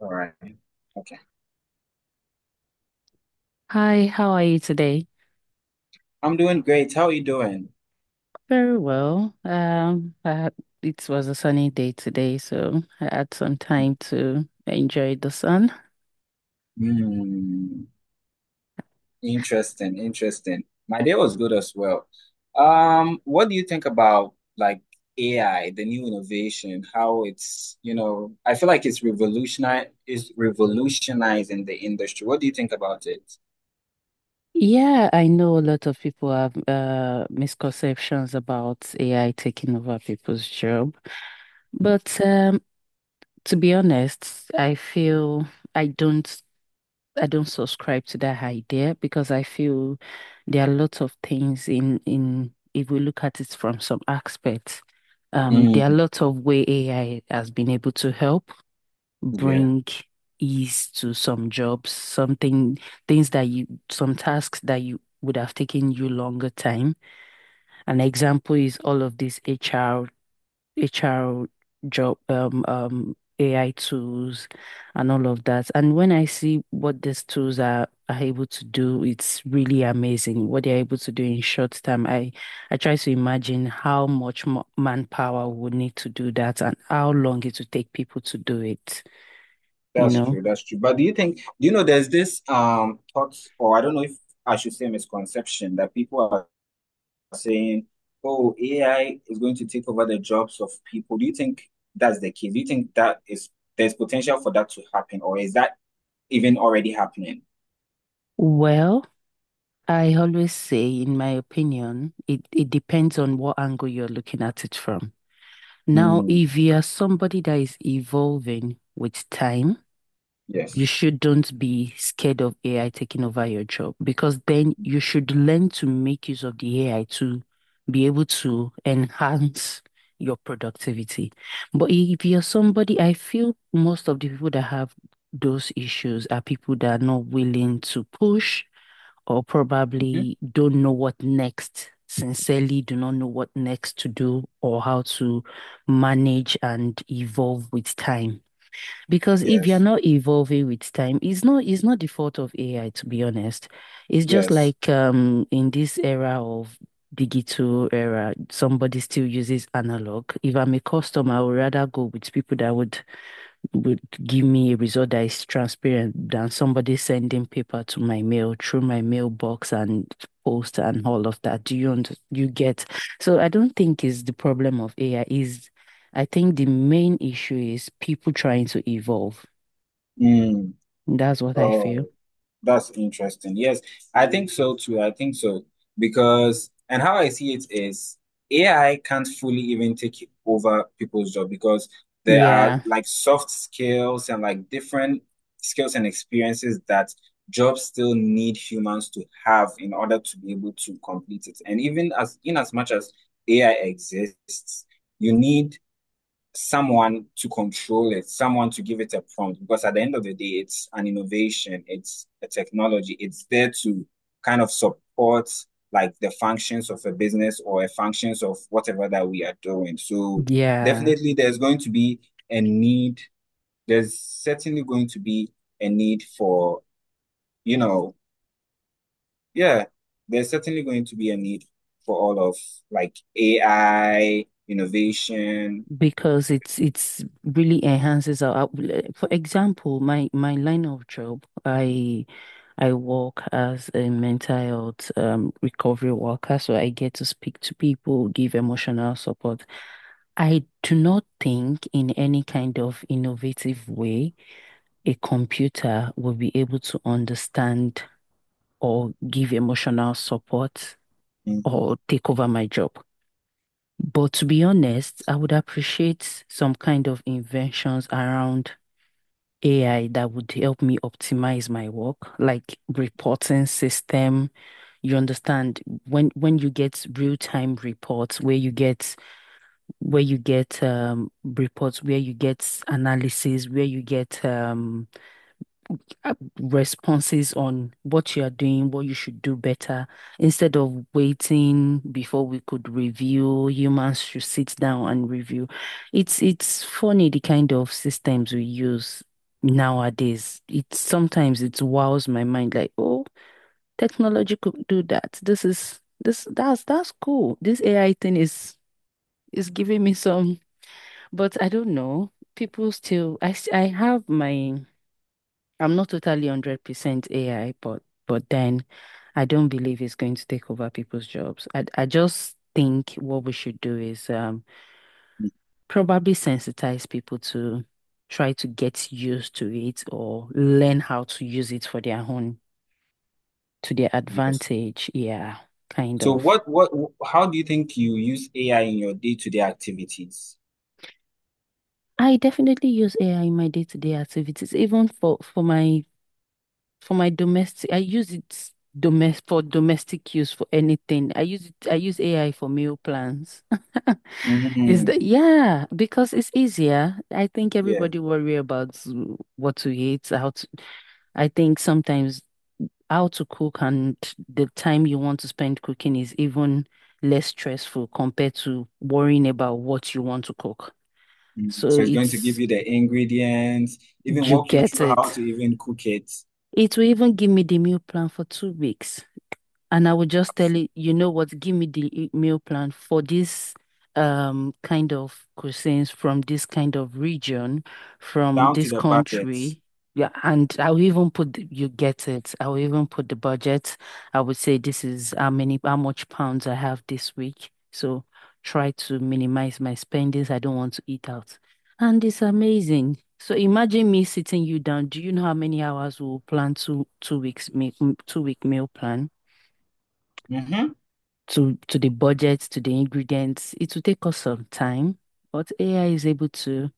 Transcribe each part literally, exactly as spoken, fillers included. All right. Okay. Hi, how are you today? I'm doing great. How are you doing? Very well. Um, I had- it was a sunny day today, so I had some time to enjoy the sun. Hmm. Interesting. Interesting. My day was good as well. Um, what do you think about like A I, the new innovation, how it's, you know, I feel like it's revolutionize is revolutionizing the industry. What do you think about it? Yeah, I know a lot of people have uh, misconceptions about A I taking over people's job, but um, to be honest, I feel I don't. I don't subscribe to that idea because I feel there are lots of things in in if we look at it from some aspects, um, Mm, there are lots of way A I has been able to help yeah, bring ease to some jobs, something things that you some tasks that you would have taken you longer time. An example is all of this H R H R job, um, um, A I tools and all of that. And when I see what these tools are, are able to do, it's really amazing what they're able to do in short time. I, I try to imagine how much mo- manpower would need to do that and how long it would take people to do it, you that's know? true. That's true. But do you think, do you know, there's this um thoughts, or I don't know if I should say misconception that people saying, oh, A I is going to take over the jobs of people. Do you think that's the case? Do you think that is there's potential for that to happen, or is that even already happening? Well, I always say, in my opinion, it, it depends on what angle you're looking at it from. Now, Mm, if you are somebody that is evolving with time, you yes. shouldn't be scared of A I taking over your job because then you should learn to make use of the A I to be able to enhance your productivity. But if you're somebody, I feel most of the people that have those issues are people that are not willing to push or Mhm. probably don't know what next, sincerely do not know what next to do or how to manage and evolve with time. Because if you're Yes. not evolving with time, it's not it's not the fault of A I, to be honest. It's just Yes. like um in this era of digital era, somebody still uses analog. If I'm a customer, I would rather go with people that would would give me a result that is transparent than somebody sending paper to my mail through my mailbox and post and all of that. Do you und- you get? So I don't think it's the problem of A I is I think the main issue is people trying to evolve. Mm. That's what I feel. Oh. That's interesting. Yes, I think so too. I think so because, and how I see it is A I can't fully even take over people's job because there are Yeah. like soft skills and like different skills and experiences that jobs still need humans to have in order to be able to complete it. And even as in as much as A I exists, you need someone to control it, someone to give it a prompt. Because at the end of the day, it's an innovation, it's a technology, it's there to kind of support like the functions of a business or a functions of whatever that we are doing. So Yeah, definitely there's going to be a need. There's certainly going to be a need for, you know, yeah, there's certainly going to be a need for all of like A I, innovation. because it's it's really enhances our, our- for example, my my line of job, I I work as a mental health um, recovery worker, so I get to speak to people, give emotional support. I do not think in any kind of innovative way a computer will be able to understand or give emotional support Mhm. or take over my job. But to be honest, I would appreciate some kind of inventions around A I that would help me optimize my work, like reporting system. You understand when when you get real-time reports where you get where you get um reports where you get analysis where you get um uh, responses on what you are doing, what you should do better. Instead of waiting before we could review, humans should sit down and review. It's it's funny the kind of systems we use nowadays. It sometimes it wows my mind like, oh, technology could do that. This is this that's that's cool. This A I thing is is giving me some, but I don't know. People still, I s- I have my. I'm not totally one hundred percent A I, but but then I don't believe it's going to take over people's jobs. I I just think what we should do is um probably sensitize people to try to get used to it or learn how to use it for their own to their Yes. advantage. Yeah, kind So of. what what how do you think you use A I in your day-to-day activities? I definitely use A I in my day-to-day activities, even for for my for my domestic, I use it domestic for domestic use for anything. I use it, I use A I for meal plans. Is Mhm. that yeah, because it's easier. I think Yeah. everybody worry about mm, what to eat, how to, I think sometimes how to cook and the time you want to spend cooking is even less stressful compared to worrying about what you want to cook. Mhm. So So it's going to give it's, you the ingredients, even you walk you get through how it. to even cook it, It will even give me the meal plan for two weeks. And I would just tell so it, you know what, give me the e- meal plan for this um kind of cuisines from this kind of region, from down to this the budgets. country. Yeah, and I will even put the, you get it. I will even put the budget. I would say this is how many, how much pounds I have this week. So try to minimize my spendings. I don't want to eat out. And it's amazing. So imagine me sitting you down. Do you know how many hours we'll plan two two weeks me m- two week meal plan? Mm-hmm. to to the budget, to the ingredients. It will take us some time, but A I is able to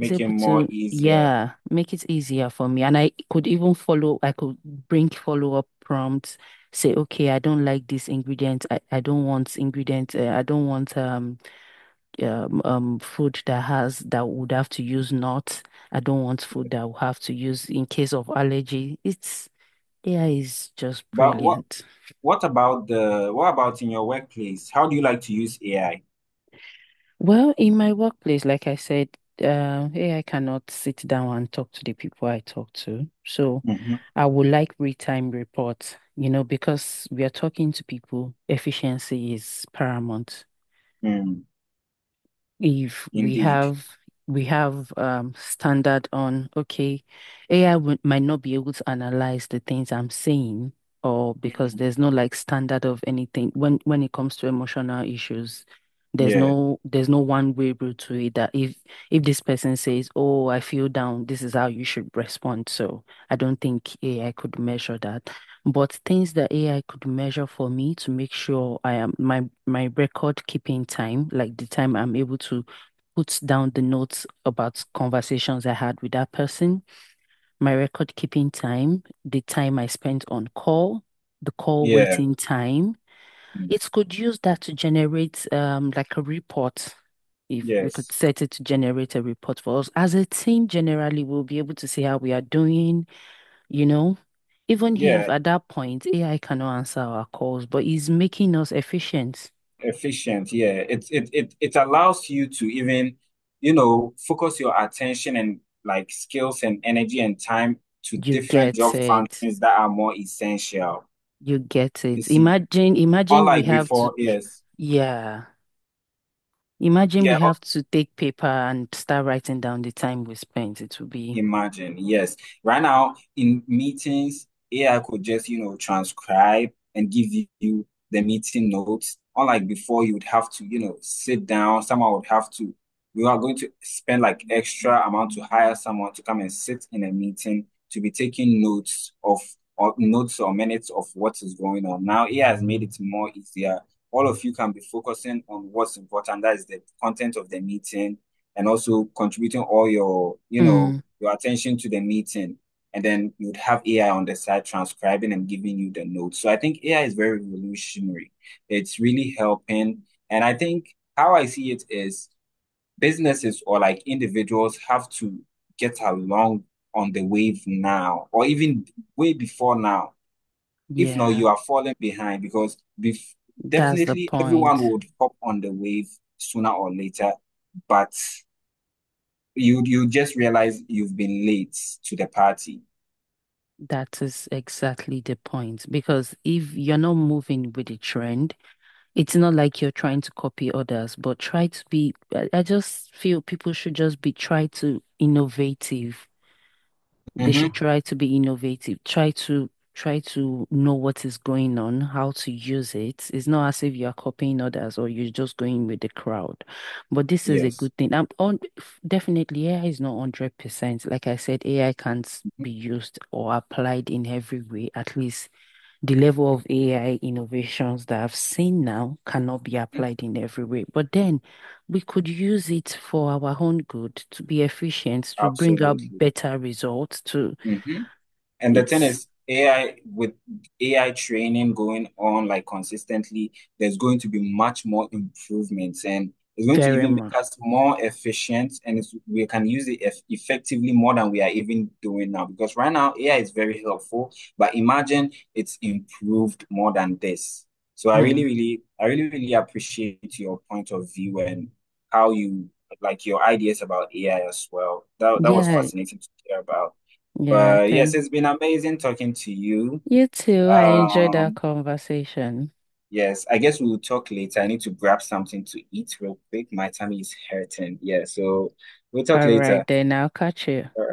is able more to easier. yeah make it easier for me. And I could even follow. I could bring follow up prompts. Say, okay, I don't like this ingredient. I, I don't want ingredient. Uh, I don't want um, um um food that has that would have to use nuts. I don't want food that will have to use in case of allergy. It's A I is just But what brilliant. what about the what about in your workplace? How do you like to use A I? Well, in my workplace, like I said, um, A I cannot sit down and talk to the people I talk to. So Mm-hmm. I would like real-time reports, you know, because we are talking to people, efficiency is paramount Mm. if we Indeed. have we have um standard on, okay, A I would, might not be able to analyze the things I'm saying or because Mhm. there's no like standard of anything when when it comes to emotional issues, there's Yeah. no there's no one way route to it, that if if this person says, oh, I feel down, this is how you should respond. So I don't think A I could measure that, but things that A I could measure for me to make sure I am, my my record keeping time, like the time I'm able to put down the notes about conversations I had with that person, my record keeping time, the time I spent on call, the call Yeah. waiting time. Mm. It could use that to generate um like a report. If we could Yes. set it to generate a report for us as a team, generally, we'll be able to see how we are doing, you know? Even if Yeah. at that point A I cannot answer our calls, but it's making us efficient. Efficient, yeah, it it it it allows you to even, you know, focus your attention and like skills and energy and time to You different get job it. functions that are more essential, You get you it. see, Imagine, imagine we unlike have before. to, Yes, yeah. Imagine we yeah. have to take paper and start writing down the time we spent. It will be, Imagine, yes. Right now in meetings, A I could just, you know, transcribe and give you the meeting notes. Unlike before, you would have to, you know, sit down. Someone would have to, we are going to spend like extra amount to hire someone to come and sit in a meeting to be taking notes of or notes or minutes of what is going on. Now, A I has made it more easier. All of you can be focusing on what's important. That is the content of the meeting and also contributing all your, you know, mm, your attention to the meeting, and then you'd have A I on the side transcribing and giving you the notes. So I think A I is very revolutionary. It's really helping. And I think how I see it is businesses or like individuals have to get along on the wave now, or even way before now. If not, yeah, you are falling behind because bef- that's the definitely everyone point. would hop on the wave sooner or later, but you you just realize you've been late to the party. That is exactly the point. Because if you're not moving with the trend, it's not like you're trying to copy others, but try to be. I, I just feel people should just be try to innovative. They Mm-hmm. should try to be innovative. Try to try to know what is going on, how to use it. It's not as if you are copying others or you're just going with the crowd. But this is a Yes. good thing. I'm on Definitely A I is not one hundred percent. Like I said, A I can't Mhm. be used or applied in every way, at least the level of A I innovations that I've seen now cannot be applied in every way. But then we could use it for our own good, to be efficient, to bring out Absolutely. better results, to Mhm. And the thing it's is, A I with A I training going on like consistently, there's going to be much more improvements and it's going to very even much. make us more efficient and it's, we can use it eff effectively more than we are even doing now. Because right now, A I is very helpful, but imagine it's improved more than this. So I really, Hmm. really, I really, really appreciate your point of view and how you like your ideas about A I as well. That, that was Yeah, fascinating to hear about. yeah, But yes, thank it's been amazing talking to you. you too. I enjoyed our Um, conversation. yes, I guess we'll talk later. I need to grab something to eat real quick. My tummy is hurting. Yeah, so we'll talk All later. right, then I'll catch you.